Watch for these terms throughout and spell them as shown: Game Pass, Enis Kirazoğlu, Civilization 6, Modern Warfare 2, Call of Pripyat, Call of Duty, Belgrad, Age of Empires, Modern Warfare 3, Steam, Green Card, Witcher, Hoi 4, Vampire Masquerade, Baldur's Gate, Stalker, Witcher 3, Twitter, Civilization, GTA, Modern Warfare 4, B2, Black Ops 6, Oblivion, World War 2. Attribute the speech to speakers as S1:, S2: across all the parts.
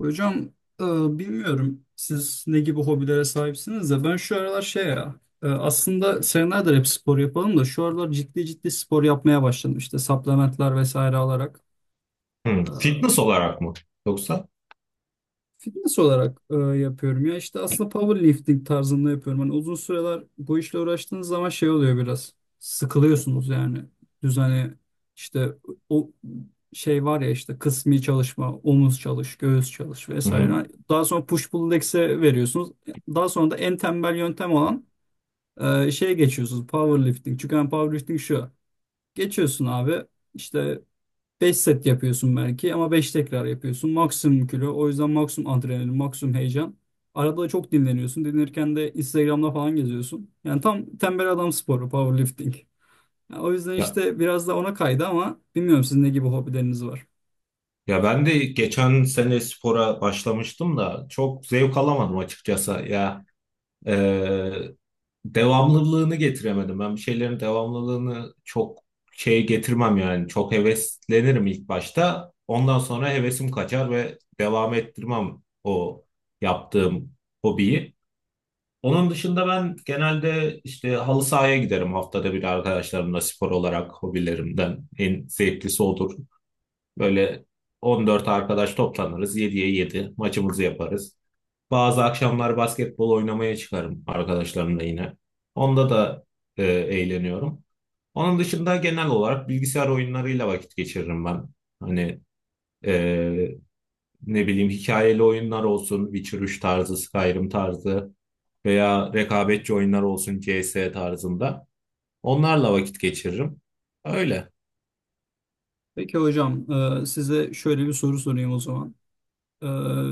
S1: Hocam e, bilmiyorum siz ne gibi hobilere sahipsiniz de ben şu aralar şey ya aslında senelerdir hep spor yapalım da şu aralar ciddi ciddi spor yapmaya başladım işte supplementler vesaire alarak.
S2: Hı,
S1: E,
S2: Fitness olarak mı? Yoksa?
S1: Fitness olarak yapıyorum ya işte aslında powerlifting tarzında yapıyorum. Hani uzun süreler bu işle uğraştığınız zaman şey oluyor biraz sıkılıyorsunuz yani düzeni işte o şey var ya işte kısmi çalışma, omuz çalış, göğüs çalış
S2: Hı hı.
S1: vesaire. Daha sonra push pull legs'e veriyorsunuz. Daha sonra da en tembel yöntem olan şeye geçiyorsunuz powerlifting. Çünkü hani powerlifting şu geçiyorsun abi işte beş set yapıyorsun belki ama 5 tekrar yapıyorsun. Maksimum kilo. O yüzden maksimum adrenalin, maksimum heyecan. Arada da çok dinleniyorsun. Dinlenirken de Instagram'da falan geziyorsun. Yani tam tembel adam sporu, powerlifting. Yani o yüzden
S2: Ya,
S1: işte biraz da ona kaydı ama bilmiyorum sizin ne gibi hobileriniz var.
S2: ya, ben de geçen sene spora başlamıştım da çok zevk alamadım açıkçası. Ya e, devamlılığını getiremedim. Ben bir şeylerin devamlılığını çok şey getirmem yani. Çok heveslenirim ilk başta. Ondan sonra hevesim kaçar ve devam ettirmem o yaptığım hobiyi. Onun dışında ben genelde işte halı sahaya giderim haftada bir arkadaşlarımla, spor olarak hobilerimden en zevklisi odur. Böyle 14 arkadaş toplanırız, 7'ye 7 maçımızı yaparız. Bazı akşamlar basketbol oynamaya çıkarım arkadaşlarımla yine. Onda da eğleniyorum. Onun dışında genel olarak bilgisayar oyunlarıyla vakit geçiririm ben. Hani e, ne bileyim, hikayeli oyunlar olsun, Witcher 3 tarzı, Skyrim tarzı, veya rekabetçi oyunlar olsun CS tarzında. Onlarla vakit geçiririm. Öyle.
S1: Peki hocam, size şöyle bir soru sorayım o zaman. E,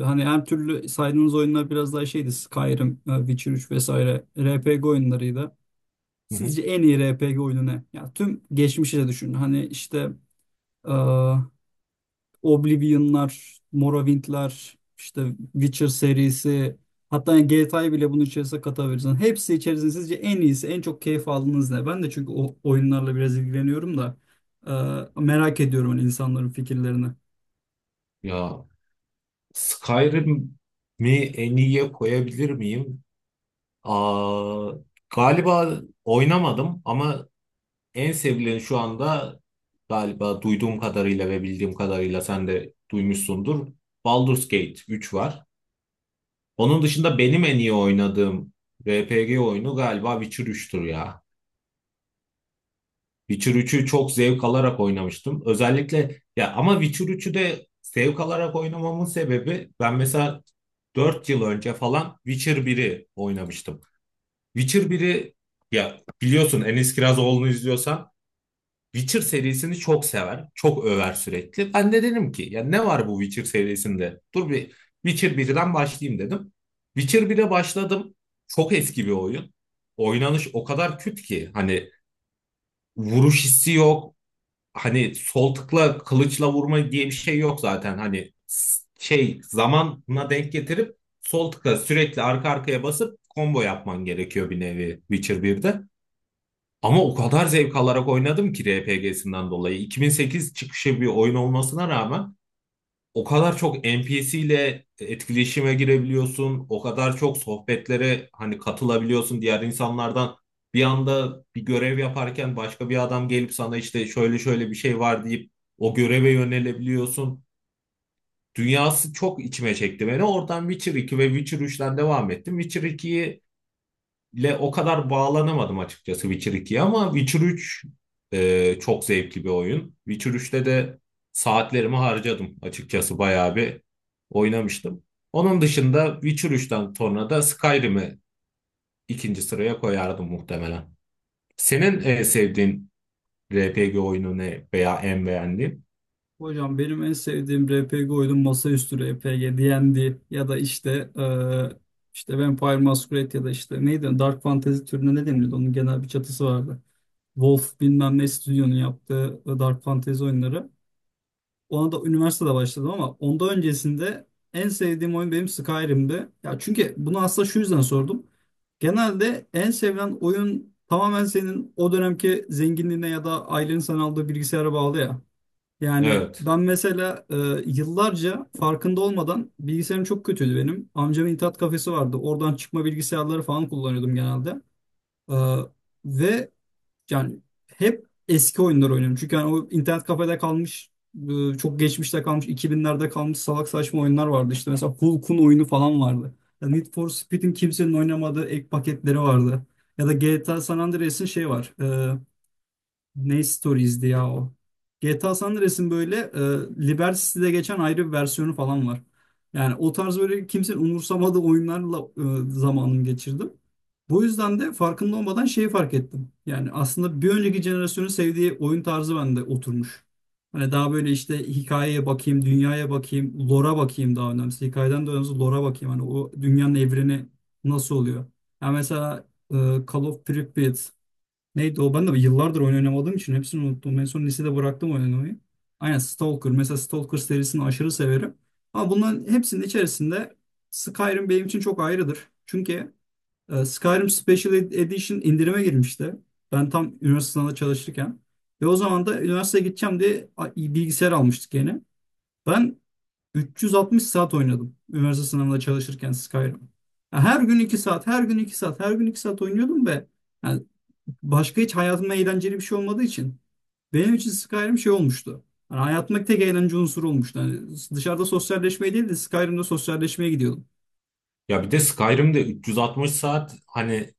S1: Hani her türlü saydığınız oyunlar biraz daha şeydi. Skyrim, Witcher 3 vesaire RPG oyunlarıydı.
S2: Hı hı.
S1: Sizce en iyi RPG oyunu ne? Ya tüm geçmişi de düşünün. Hani işte e, Oblivion'lar, Morrowind'ler, işte Witcher serisi, hatta GTA'yı bile bunun içerisine katabilirsin. Hepsi içerisinde sizce en iyisi, en çok keyif aldığınız ne? Ben de çünkü o oyunlarla biraz ilgileniyorum da merak ediyorum hani insanların fikirlerini.
S2: Ya Skyrim'i en iyiye koyabilir miyim? Aa, galiba oynamadım ama en sevilen şu anda, galiba duyduğum kadarıyla ve bildiğim kadarıyla, sen de duymuşsundur. Baldur's Gate 3 var. Onun dışında benim en iyi oynadığım RPG oyunu galiba Witcher 3'tür ya. Witcher 3'ü çok zevk alarak oynamıştım. Özellikle ya, ama Witcher 3'ü de zevk alarak oynamamın sebebi, ben mesela 4 yıl önce falan Witcher 1'i oynamıştım. Witcher 1'i, ya biliyorsun, Enis Kirazoğlu'nu izliyorsan Witcher serisini çok sever, çok över sürekli. Ben de dedim ki ya, ne var bu Witcher serisinde? Dur bir Witcher 1'den başlayayım dedim. Witcher 1'e başladım. Çok eski bir oyun. Oynanış o kadar küt ki hani vuruş hissi yok, hani sol tıkla kılıçla vurma diye bir şey yok zaten. Hani şey zamanına denk getirip sol tıkla sürekli arka arkaya basıp combo yapman gerekiyor, bir nevi Witcher 1'de. Ama o kadar zevk alarak oynadım ki, RPG'sinden dolayı. 2008 çıkışı bir oyun olmasına rağmen o kadar çok N P C ile etkileşime girebiliyorsun, o kadar çok sohbetlere hani katılabiliyorsun diğer insanlardan. Bir anda bir görev yaparken başka bir adam gelip sana işte şöyle şöyle bir şey var deyip o göreve yönelebiliyorsun. Dünyası çok içime çekti beni. Oradan Witcher 2 ve Witcher 3'ten devam ettim. Witcher 2'yi ile o kadar bağlanamadım açıkçası, Witcher 2'ye, ama Witcher 3 çok zevkli bir oyun. Witcher 3'te de saatlerimi harcadım açıkçası, bayağı bir oynamıştım. Onun dışında Witcher 3'ten sonra da Skyrim'i ikinci sıraya koyardım muhtemelen. Senin sevdiğin RPG oyunu ne, veya en beğendiğin?
S1: Hocam benim en sevdiğim RPG oyunu masaüstü RPG, D&D ya da işte işte Vampire Masquerade ya da işte neydi Dark Fantasy türüne ne denirdi onun genel bir çatısı vardı. Wolf bilmem ne stüdyonun yaptığı Dark Fantasy oyunları. Ona da üniversitede başladım ama ondan öncesinde en sevdiğim oyun benim Skyrim'di. Ya çünkü bunu aslında şu yüzden sordum. Genelde en sevilen oyun tamamen senin o dönemki zenginliğine ya da ailenin sana aldığı bilgisayara bağlı ya. Yani
S2: Evet.
S1: ben mesela yıllarca farkında olmadan bilgisayarım çok kötüydü benim. Amcamın internet kafesi vardı. Oradan çıkma bilgisayarları falan kullanıyordum genelde. E, ve yani hep eski oyunlar oynuyorum. Çünkü yani o internet kafede kalmış, çok geçmişte kalmış, 2000'lerde kalmış salak saçma oyunlar vardı. İşte mesela Hulk'un oyunu falan vardı. Ya Need for Speed'in kimsenin oynamadığı ek paketleri vardı. Ya da GTA San Andreas'ın şey var. Ne Stories'di ya o. GTA San Andreas'ın böyle Liberty City'de geçen ayrı bir versiyonu falan var. Yani o tarz böyle kimsenin umursamadığı oyunlarla zamanımı geçirdim. Bu yüzden de farkında olmadan şeyi fark ettim. Yani aslında bir önceki jenerasyonun sevdiği oyun tarzı bende oturmuş. Hani daha böyle işte hikayeye bakayım, dünyaya bakayım, lore'a bakayım daha önemlisi. Hikayeden de önemlisi lore'a bakayım. Hani o dünyanın evreni nasıl oluyor? Yani mesela e, Call of Pripyat neydi o? Ben de yıllardır oyun oynamadığım için hepsini unuttum. En son lisede bıraktım oynamayı. Aynen Stalker. Mesela Stalker serisini aşırı severim. Ama bunların hepsinin içerisinde Skyrim benim için çok ayrıdır. Çünkü Skyrim Special Edition indirime girmişti. Ben tam üniversite sınavında çalışırken. Ve o zaman da üniversiteye gideceğim diye bilgisayar almıştık yeni. Ben 360 saat oynadım üniversite sınavında çalışırken Skyrim. Ya, her gün 2 saat, her gün 2 saat, her gün 2 saat oynuyordum ve yani başka hiç hayatımda eğlenceli bir şey olmadığı için benim için Skyrim şey olmuştu. Hani hayatımdaki tek eğlence unsuru olmuştu. Hani dışarıda sosyalleşmeye değil de Skyrim'de sosyalleşmeye gidiyordum.
S2: Ya bir de Skyrim'de 360 saat, hani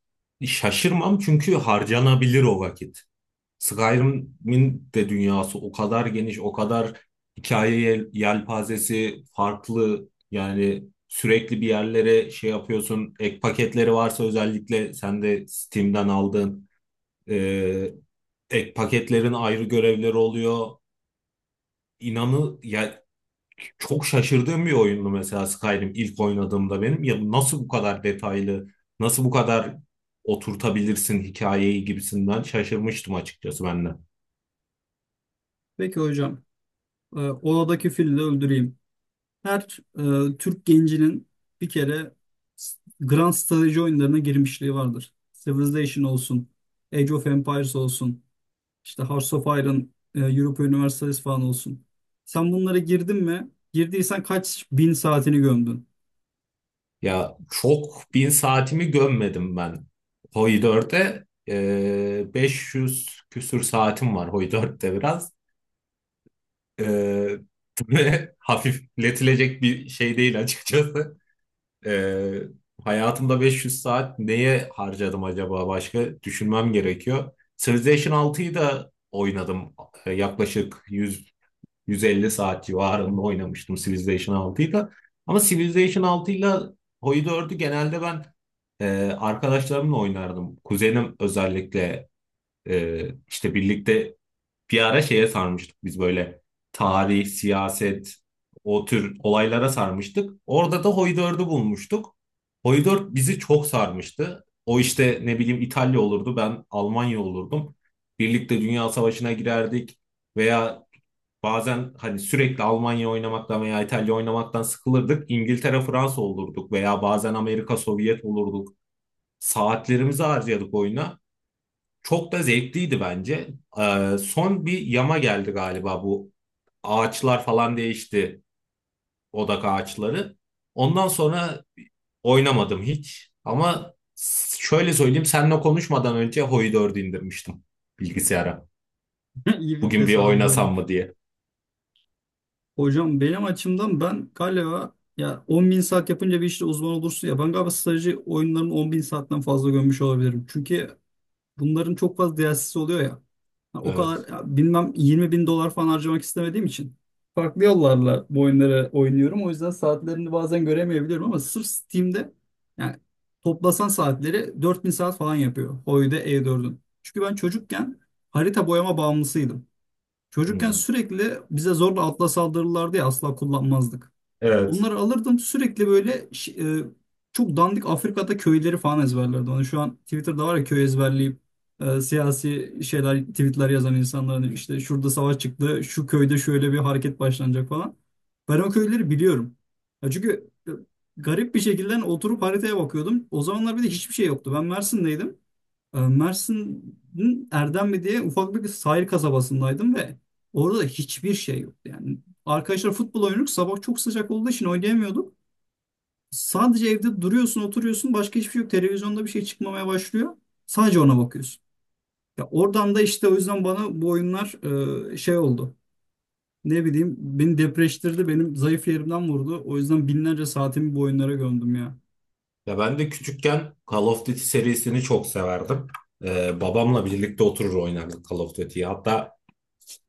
S2: şaşırmam, çünkü harcanabilir o vakit. Skyrim'in de dünyası o kadar geniş, o kadar hikaye yelpazesi farklı. Yani sürekli bir yerlere şey yapıyorsun. Ek paketleri varsa özellikle, sen de Steam'den aldığın e, ek paketlerin ayrı görevleri oluyor. İnanı ya, çok şaşırdığım bir oyundu mesela Skyrim ilk oynadığımda benim. Ya nasıl bu kadar detaylı, nasıl bu kadar oturtabilirsin hikayeyi gibisinden şaşırmıştım açıkçası ben de.
S1: Peki hocam, odadaki fili de öldüreyim. Her Türk gencinin bir kere Grand Strateji oyunlarına girmişliği vardır. Civilization olsun, Age of Empires olsun. İşte Hearts of Iron, Europa Universalis falan olsun. Sen bunlara girdin mi? Girdiysen kaç bin saatini gömdün?
S2: Ya çok bin saatimi gömmedim ben Hoi 4'e. 500 küsür saatim var Hoi 4'te biraz. Ee, Böyle hafifletilecek bir şey değil açıkçası. Ee, Hayatımda 500 saat neye harcadım acaba, başka düşünmem gerekiyor. Civilization 6'yı da oynadım. Yaklaşık 100, 150 saat civarında oynamıştım Civilization 6'yı. Ama Civilization 6 ile Hoi, genelde ben e, arkadaşlarımla oynardım. Kuzenim özellikle e, işte birlikte, bir ara şeye sarmıştık biz böyle, tarih, siyaset, o tür olaylara sarmıştık. Orada da Hoi 4'ü bulmuştuk. Hoi 4 bizi çok sarmıştı. O, işte ne bileyim, İtalya olurdu, ben Almanya olurdum. Birlikte Dünya Savaşı'na girerdik, veya bazen, hani sürekli Almanya oynamaktan veya İtalya oynamaktan sıkılırdık. İngiltere, Fransa olurduk, veya bazen Amerika, Sovyet olurduk. Saatlerimizi harcadık oyuna. Çok da zevkliydi bence. Son bir yama geldi galiba bu. Ağaçlar falan değişti. Odak ağaçları. Ondan sonra oynamadım hiç. Ama şöyle söyleyeyim, seninle konuşmadan önce Hoi 4'ü indirmiştim bilgisayara.
S1: İyi bir
S2: Bugün bir
S1: tesadüf
S2: oynasam
S1: olmuş.
S2: mı diye.
S1: Hocam benim açımdan ben galiba ya 10 bin saat yapınca bir işte uzman olursun ya ben galiba strateji oyunlarının 10 bin saatten fazla gömmüş olabilirim. Çünkü bunların çok fazla DLC'si oluyor ya. Ha, o kadar
S2: Evet.
S1: ya bilmem 20 bin dolar falan harcamak istemediğim için farklı yollarla bu oyunları oynuyorum. O yüzden saatlerini bazen göremeyebiliyorum ama sırf Steam'de yani toplasan saatleri 4.000 saat falan yapıyor. Oyda E4'ün. Çünkü ben çocukken harita boyama bağımlısıydım.
S2: Hı
S1: Çocukken
S2: hı.
S1: sürekli bize zorla atla saldırırlardı ya asla kullanmazdık.
S2: Evet.
S1: Bunları alırdım sürekli böyle çok dandik Afrika'da köyleri falan ezberlerdim. Hani şu an Twitter'da var ya köy ezberleyip siyasi şeyler tweetler yazan insanların işte şurada savaş çıktı, şu köyde şöyle bir hareket başlanacak falan. Ben o köyleri biliyorum. Ya çünkü garip bir şekilde oturup haritaya bakıyordum. O zamanlar bir de hiçbir şey yoktu. Ben Mersin'deydim. Mersin'in Erdemli diye ufak bir sahil kasabasındaydım ve orada da hiçbir şey yoktu. Yani arkadaşlar futbol oynuyorduk. Sabah çok sıcak olduğu için oynayamıyorduk. Sadece evde duruyorsun, oturuyorsun. Başka hiçbir şey yok. Televizyonda bir şey çıkmamaya başlıyor. Sadece ona bakıyorsun. Ya oradan da işte o yüzden bana bu oyunlar şey oldu. Ne bileyim beni depreştirdi. Benim zayıf yerimden vurdu. O yüzden binlerce saatimi bu oyunlara gömdüm ya.
S2: Ya ben de küçükken Call of Duty serisini çok severdim. Babamla birlikte oturur oynardık Call of Duty'yi. Hatta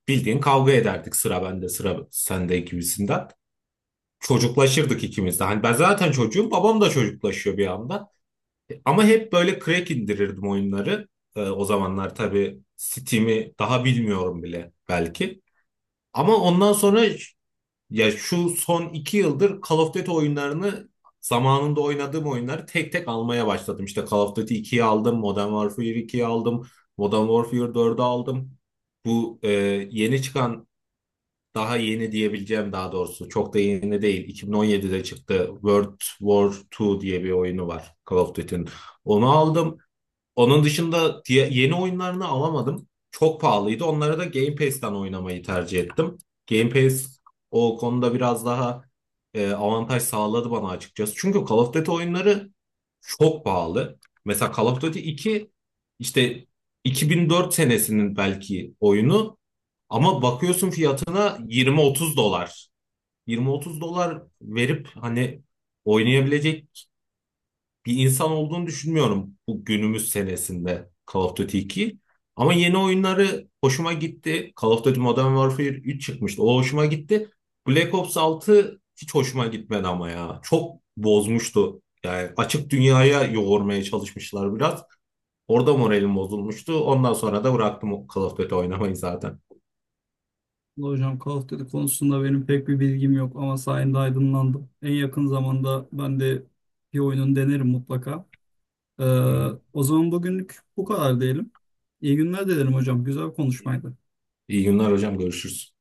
S2: bildiğin kavga ederdik, sıra bende, sıra sende gibisinden. Çocuklaşırdık ikimiz de. Hani ben zaten çocuğum, babam da çocuklaşıyor bir anda. Ama hep böyle crack indirirdim oyunları. O zamanlar tabii Steam'i daha bilmiyorum bile belki. Ama ondan sonra, ya şu son 2 yıldır Call of Duty oyunlarını, zamanında oynadığım oyunları tek tek almaya başladım. İşte Call of Duty 2'yi aldım, Modern Warfare 2'yi aldım, Modern Warfare 4'ü aldım. Bu yeni çıkan, daha yeni diyebileceğim, daha doğrusu çok da yeni değil, 2017'de çıktı World War 2 diye bir oyunu var Call of Duty'nin. Onu aldım. Onun dışında yeni oyunlarını alamadım. Çok pahalıydı. Onları da Game Pass'ten oynamayı tercih ettim. Game Pass o konuda biraz daha avantaj sağladı bana açıkçası. Çünkü Call of Duty oyunları çok pahalı. Mesela Call of Duty 2, işte 2004 senesinin belki oyunu, ama bakıyorsun fiyatına 20-30 dolar. 20-30 dolar verip hani oynayabilecek bir insan olduğunu düşünmüyorum bu günümüz senesinde Call of Duty 2. Ama yeni oyunları hoşuma gitti. Call of Duty Modern Warfare 3 çıkmıştı. O hoşuma gitti. Black Ops 6 hiç hoşuma gitmedi ama ya. Çok bozmuştu. Yani açık dünyaya yoğurmaya çalışmışlar biraz. Orada moralim bozulmuştu. Ondan sonra da bıraktım Call of Duty oynamayı zaten.
S1: Hocam Call of Duty konusunda benim pek bir bilgim yok ama sayende aydınlandım. En yakın zamanda ben de bir oyunun denerim mutlaka. Ee,
S2: Hı hı.
S1: o zaman bugünlük bu kadar diyelim. İyi günler dilerim hocam. Güzel bir konuşmaydı.
S2: İyi günler hocam. Görüşürüz.